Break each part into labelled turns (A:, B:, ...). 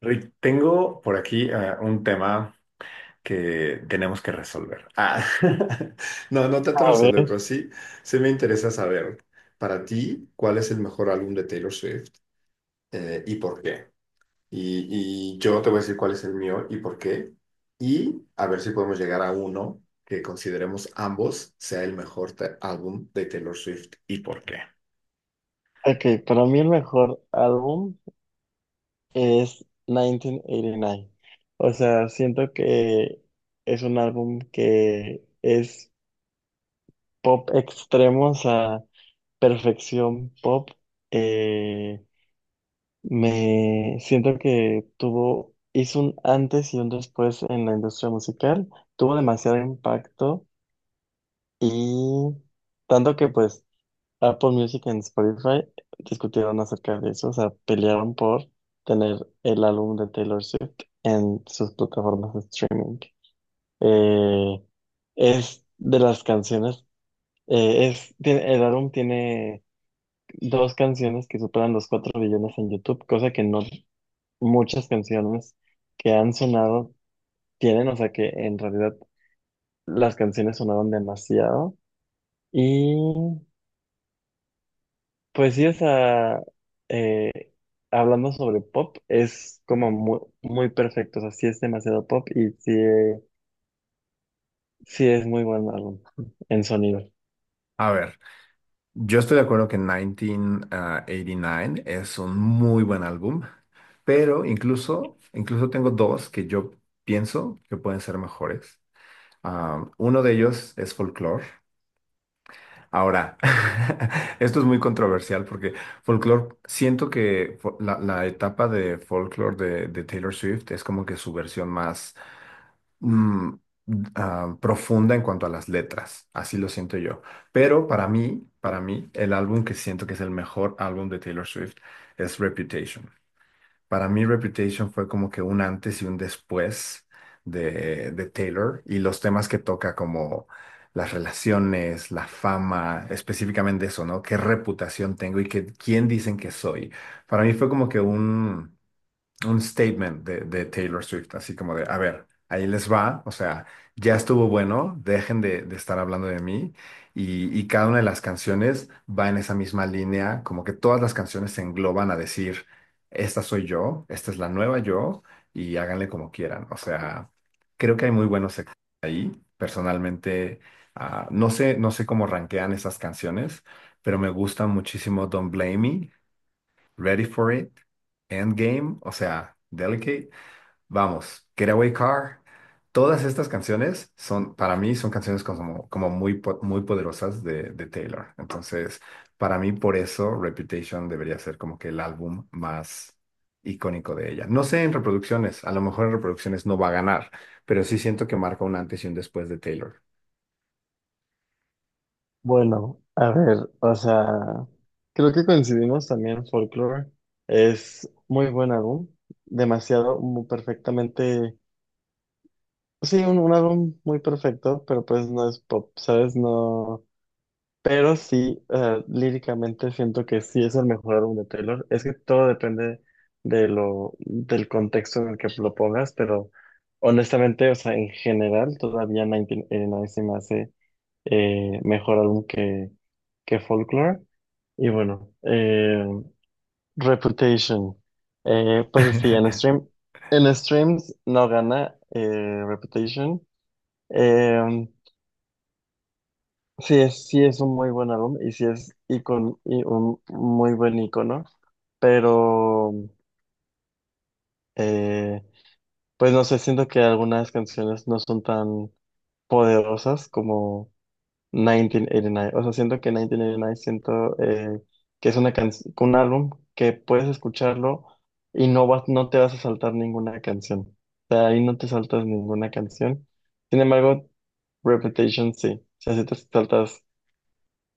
A: Rick, tengo por aquí un tema que tenemos que resolver. Ah, no, no tanto
B: A
A: resolver,
B: ver,
A: pero sí, sí me interesa saber para ti cuál es el mejor álbum de Taylor Swift y por qué. Y yo te voy a decir cuál es el mío y por qué. Y a ver si podemos llegar a uno que consideremos ambos sea el mejor álbum de Taylor Swift y por qué.
B: ok, para mí el mejor álbum es 1989. O sea, siento que es un álbum que es pop extremo, o sea, perfección pop. Eh, Me siento que tuvo, hizo un antes y un después en la industria musical, tuvo demasiado impacto y tanto que pues Apple Music en Spotify discutieron acerca de eso, o sea, pelearon por tener el álbum de Taylor Swift en sus plataformas de streaming. Eh, es de las canciones, es, el álbum tiene dos canciones que superan los 4 billones en YouTube, cosa que no muchas canciones que han sonado tienen, o sea que en realidad las canciones sonaron demasiado. Y pues sí, o sea, eh, hablando sobre pop, es como muy, muy perfecto, o sea, sí es demasiado pop y sí, sí es muy buen álbum en sonido.
A: A ver, yo estoy de acuerdo que 1989 es un muy buen álbum, pero incluso tengo dos que yo pienso que pueden ser mejores. Ah, uno de ellos es Folklore. Ahora, esto es muy controversial porque folklore, siento que la etapa de folklore de Taylor Swift es como que su versión más mm, profunda en cuanto a las letras, así lo siento yo. Pero para mí, el álbum que siento que es el mejor álbum de Taylor Swift es Reputation. Para mí Reputation fue como que un antes y un después de Taylor y los temas que toca como las relaciones, la fama, específicamente eso, ¿no? ¿Qué reputación tengo y quién dicen que soy? Para mí fue como que un statement de Taylor Swift, así como de, a ver, ahí les va, o sea, ya estuvo bueno, dejen de estar hablando de mí y cada una de las canciones va en esa misma línea, como que todas las canciones se engloban a decir, esta soy yo, esta es la nueva yo y háganle como quieran, o sea, creo que hay muy buenos ahí, personalmente, no sé cómo rankean esas canciones, pero me gusta muchísimo Don't Blame Me, Ready for It, Endgame, o sea, Delicate, vamos, Getaway Car. Todas estas canciones son, para mí, son canciones como muy, muy poderosas de Taylor. Entonces, para mí, por eso Reputation debería ser como que el álbum más icónico de ella. No sé en reproducciones, a lo mejor en reproducciones no va a ganar, pero sí siento que marca un antes y un después de Taylor.
B: Bueno, a ver, o sea, creo que coincidimos también, Folklore es muy buen álbum, demasiado, muy perfectamente, sí, un álbum muy perfecto, pero pues no es pop, ¿sabes? No. Pero sí, líricamente siento que sí es el mejor álbum de Taylor. Es que todo depende del contexto en el que lo pongas, pero honestamente, o sea, en general, todavía 1989 se me hace mejor álbum que Folklore. Y bueno, Reputation. Pues sí, en stream, en streams no gana Reputation. Em, sí es un muy buen álbum y sí es icon, y un muy buen icono, pero eh, pues no sé, siento que algunas canciones no son tan poderosas como 1989. O sea, siento que 1989 siento que es una un álbum que puedes escucharlo y no vas, no te vas a saltar ninguna canción. O sea, ahí no te saltas ninguna canción. Sin embargo, Reputation sí. O sea, sí te saltas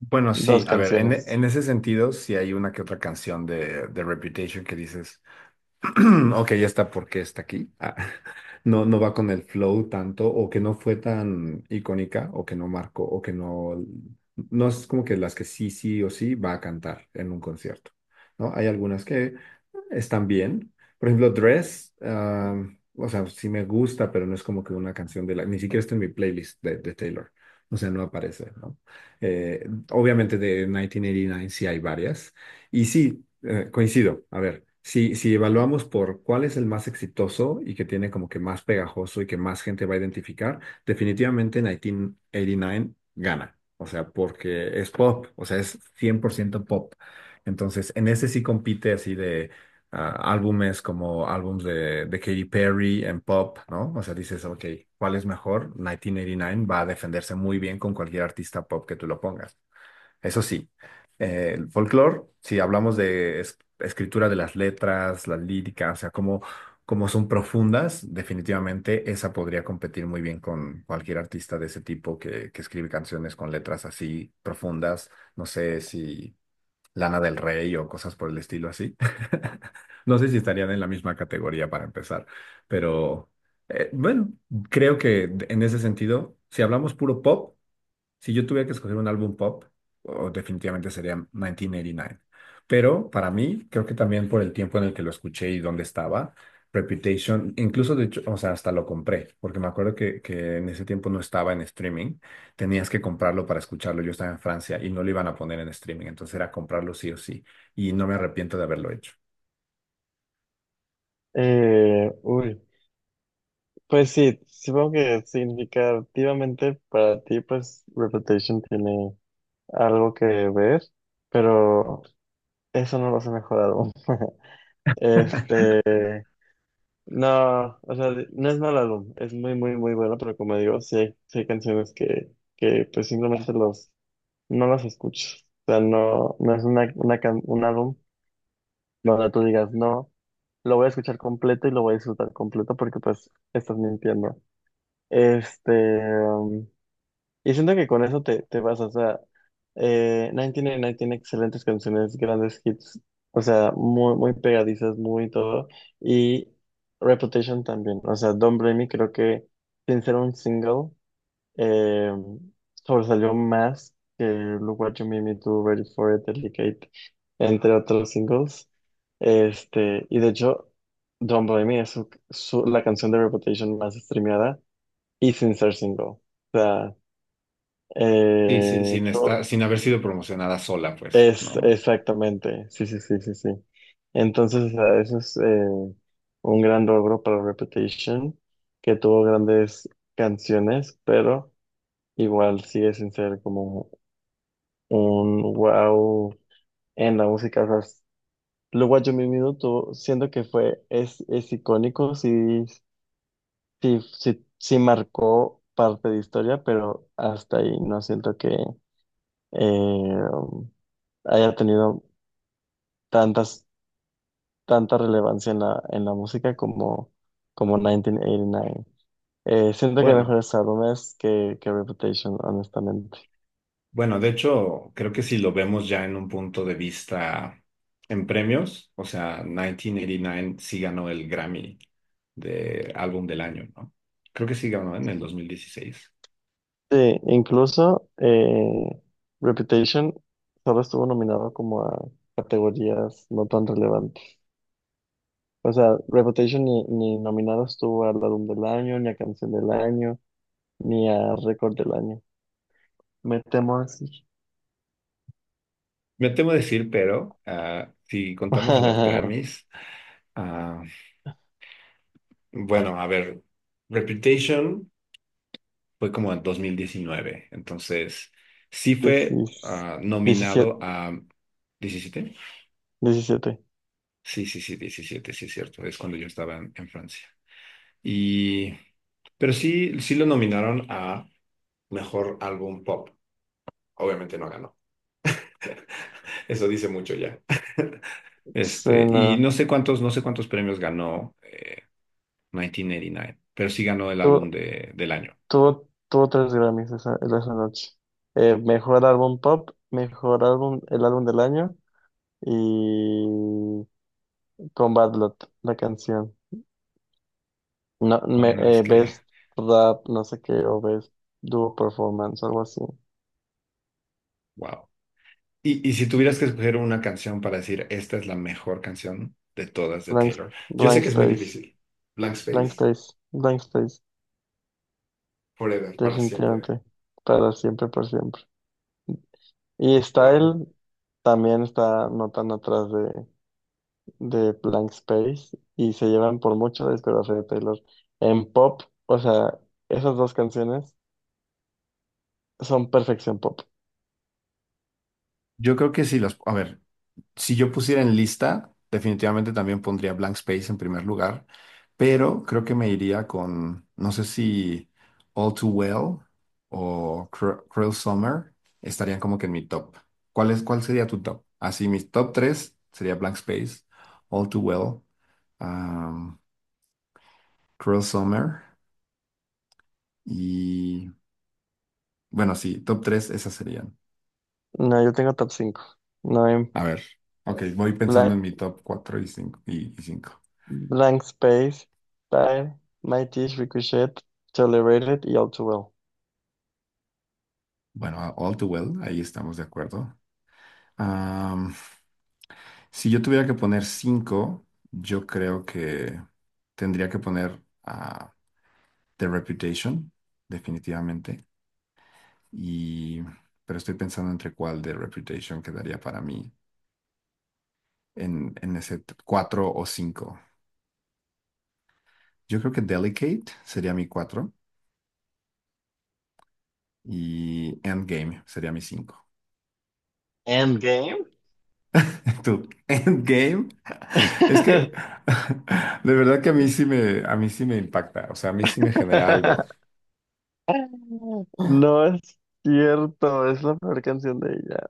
A: Bueno, sí,
B: dos
A: a ver, en,
B: canciones.
A: en ese sentido, sí hay una que otra canción de Reputation que dices. Ok, ya está porque está aquí. Ah, no va con el flow tanto, o que no fue tan icónica, o que no marcó, o que no. No es como que las que sí, sí o sí va a cantar en un concierto, ¿no? Hay algunas que están bien. Por ejemplo, Dress, o sea, sí me gusta, pero no es como que una canción de la. Ni siquiera está en mi playlist de Taylor. O sea, no aparece, ¿no? Eh, obviamente de 1989 sí hay varias y sí, coincido. A ver, si evaluamos por cuál es el más exitoso y que tiene como que más pegajoso y que más gente va a identificar, definitivamente en 1989 gana. O sea, porque es pop, o sea, es 100% pop. Entonces, en ese sí compite así de álbumes como álbumes de Katy Perry en pop, ¿no? O sea, dices, ok, ¿cuál es mejor? 1989 va a defenderse muy bien con cualquier artista pop que tú lo pongas. Eso sí, el folclore, si hablamos de escritura de las letras, las líricas, o sea, cómo son profundas, definitivamente esa podría competir muy bien con cualquier artista de ese tipo que escribe canciones con letras así profundas. No sé si Lana del Rey o cosas por el estilo así. No sé si estarían en la misma categoría para empezar, pero bueno, creo que en ese sentido, si hablamos puro pop, si yo tuviera que escoger un álbum pop, oh, definitivamente sería 1989. Pero para mí, creo que también por el tiempo en el que lo escuché y dónde estaba, Reputation, incluso de hecho, o sea, hasta lo compré, porque me acuerdo que en ese tiempo no estaba en streaming, tenías que comprarlo para escucharlo. Yo estaba en Francia y no lo iban a poner en streaming, entonces era comprarlo sí o sí, y no me arrepiento de haberlo hecho.
B: Uy, pues sí, supongo que significativamente para ti, pues Reputation tiene algo que ver, pero eso no lo hace mejor álbum. Este, no, o sea, no es mal álbum, es muy, muy, muy bueno, pero como digo, sí hay canciones que pues simplemente los, no las escuchas. O sea, no, no es un álbum donde tú digas, no, lo voy a escuchar completo y lo voy a disfrutar completo porque pues estás mintiendo. Este, um, y siento que con eso te, te vas, o sea, 1989 tiene excelentes canciones, grandes hits, o sea, muy, muy pegadizas, muy todo, y Reputation también, o sea, Don't Blame Me creo que sin ser un single, eh, sobresalió más que Look What You Made Me Do, Ready For It, Delicate, entre otros singles, este, y de hecho, Don't Blame Me es la canción de Reputation más streameada, y sin ser single. O sea,
A: Sí, sí,
B: eh,
A: sin
B: to-
A: estar, sin haber sido promocionada sola, pues,
B: es
A: ¿no?
B: exactamente, sí, sí, sí, sí, sí. Entonces, o sea, eso es un gran logro para Reputation, que tuvo grandes canciones, pero igual sigue sin ser como un wow en la música. O sea, luego What You Made Me Do siento que fue, es icónico, sí, sí, sí, sí marcó parte de historia, pero hasta ahí no siento que eh, haya tenido tantas, tanta relevancia en la música como, como 1989. Siento que hay
A: Bueno.
B: mejores álbumes que Reputation, honestamente.
A: Bueno, de hecho, creo que si lo vemos ya en un punto de vista en premios, o sea, 1989 sí ganó el Grammy de álbum del año, ¿no? Creo que sí ganó en el 2016.
B: Sí, incluso Reputation solo estuvo nominado como a categorías no tan relevantes. O sea, Reputation ni, ni nominado estuvo al álbum del año, ni a canción del año, ni a récord del año. Me temo así.
A: Me temo decir, pero si contamos a los Grammys, ah, bueno, a ver, Reputation fue como en 2019, entonces sí fue
B: diecisiete
A: nominado a 17.
B: diecisiete.
A: Sí, sí, sí, 17, sí es cierto, es cuando yo estaba en Francia. Y, pero sí, sí lo nominaron a mejor álbum pop. Obviamente no ganó. Eso dice mucho ya.
B: Sí,
A: Este, y
B: no.
A: no sé cuántos premios ganó 1989, pero sí ganó el álbum
B: Tuvo,
A: de, del año.
B: tuvo tres Grammys esa, esa noche. Mejor álbum pop, mejor álbum, el álbum del año y con Bad Lot, la canción. No,
A: Bueno, es que,
B: Best Rap, no sé qué, o Best Duo Performance, algo así.
A: wow. Y si tuvieras que escoger una canción para decir, esta es la mejor canción de todas de
B: Blank,
A: Taylor, yo sé
B: Blank
A: que es muy
B: Space,
A: difícil. Blank Space,
B: Blank Space,
A: Forever, para siempre.
B: definitivamente. Para siempre, por siempre. Y
A: Wow.
B: Style también está no tan atrás de Blank Space y se llevan por mucho la discografía de Taylor. En pop, o sea, esas dos canciones son perfección pop.
A: Yo creo que sí las, a ver, si yo pusiera en lista, definitivamente también pondría Blank Space en primer lugar, pero creo que me iría con, no sé si All Too Well o Cruel Summer estarían como que en mi top. ¿Cuál es, cuál sería tu top? Así, mis top tres sería Blank Space, All Too Well, um, Cruel Summer y, bueno, sí, top tres esas serían.
B: No, yo tengo top 5. No, en
A: A ver, ok, voy pensando en
B: Bla-
A: mi top cuatro y cinco. Y cinco.
B: Blank Space, Time, My Teeth, Ricochet, Tolerated y All Too Well.
A: Bueno, All Too Well, ahí estamos de acuerdo. Am, si yo tuviera que poner cinco, yo creo que tendría que poner a The Reputation, definitivamente. Y, pero estoy pensando entre cuál The Reputation quedaría para mí en ese cuatro o cinco. Yo creo que Delicate sería mi cuatro y Endgame sería mi cinco.
B: Endgame.
A: Tú, Endgame. Es que de verdad que a mí sí me impacta, o sea, a mí sí me genera algo.
B: No es cierto, es la peor canción de ella.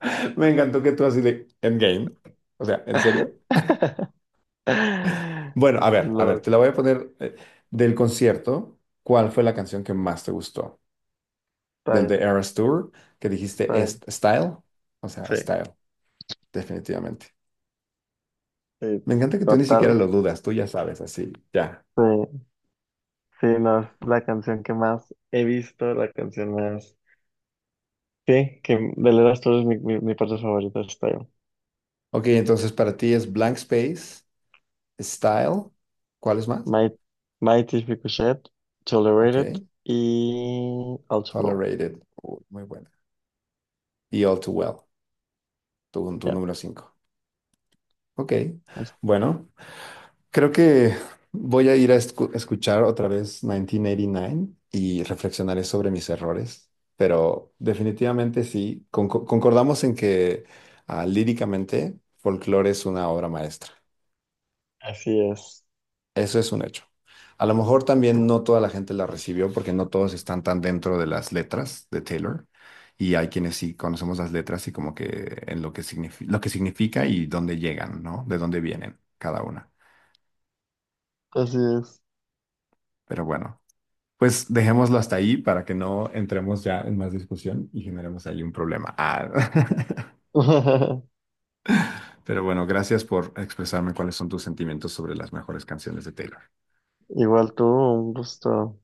A: Me encantó que tú así de Endgame. O sea, ¿en serio? Bueno, a ver,
B: Los
A: te la voy a poner del concierto. ¿Cuál fue la canción que más te gustó? Del The
B: Time,
A: Eras Tour, que dijiste es
B: Time,
A: Style. O sea,
B: sí.
A: Style, definitivamente.
B: Sí,
A: Me encanta que tú ni siquiera
B: total.
A: lo dudas, tú ya sabes, así, ya.
B: Sí, sí, no, es la canción que más he visto, la canción más. Sí, que de Led Zeppelin es mi parte favorita, está yo.
A: Ok, entonces para ti es Blank Space, Style. ¿Cuál es más?
B: My, Mighty Ricochet,
A: Ok,
B: Tolerated y Outlaw.
A: Tolerated. Uy, muy buena. Y All Too Well, tu
B: Ya,
A: número 5. Ok, bueno. Creo que voy a ir a escuchar otra vez 1989 y nueve y reflexionaré sobre mis errores, pero definitivamente sí, concordamos en que líricamente Folklore es una obra maestra.
B: así es.
A: Eso es un hecho. A lo mejor también no toda la gente la recibió porque no todos están tan dentro de las letras de Taylor y hay quienes sí conocemos las letras y como que en lo que lo que significa y dónde llegan, ¿no? De dónde vienen cada una.
B: Así es.
A: Pero bueno. Pues dejémoslo hasta ahí para que no entremos ya en más discusión y generemos ahí un problema. Ah. Pero bueno, gracias por expresarme cuáles son tus sentimientos sobre las mejores canciones de Taylor.
B: Igual tú, un gusto.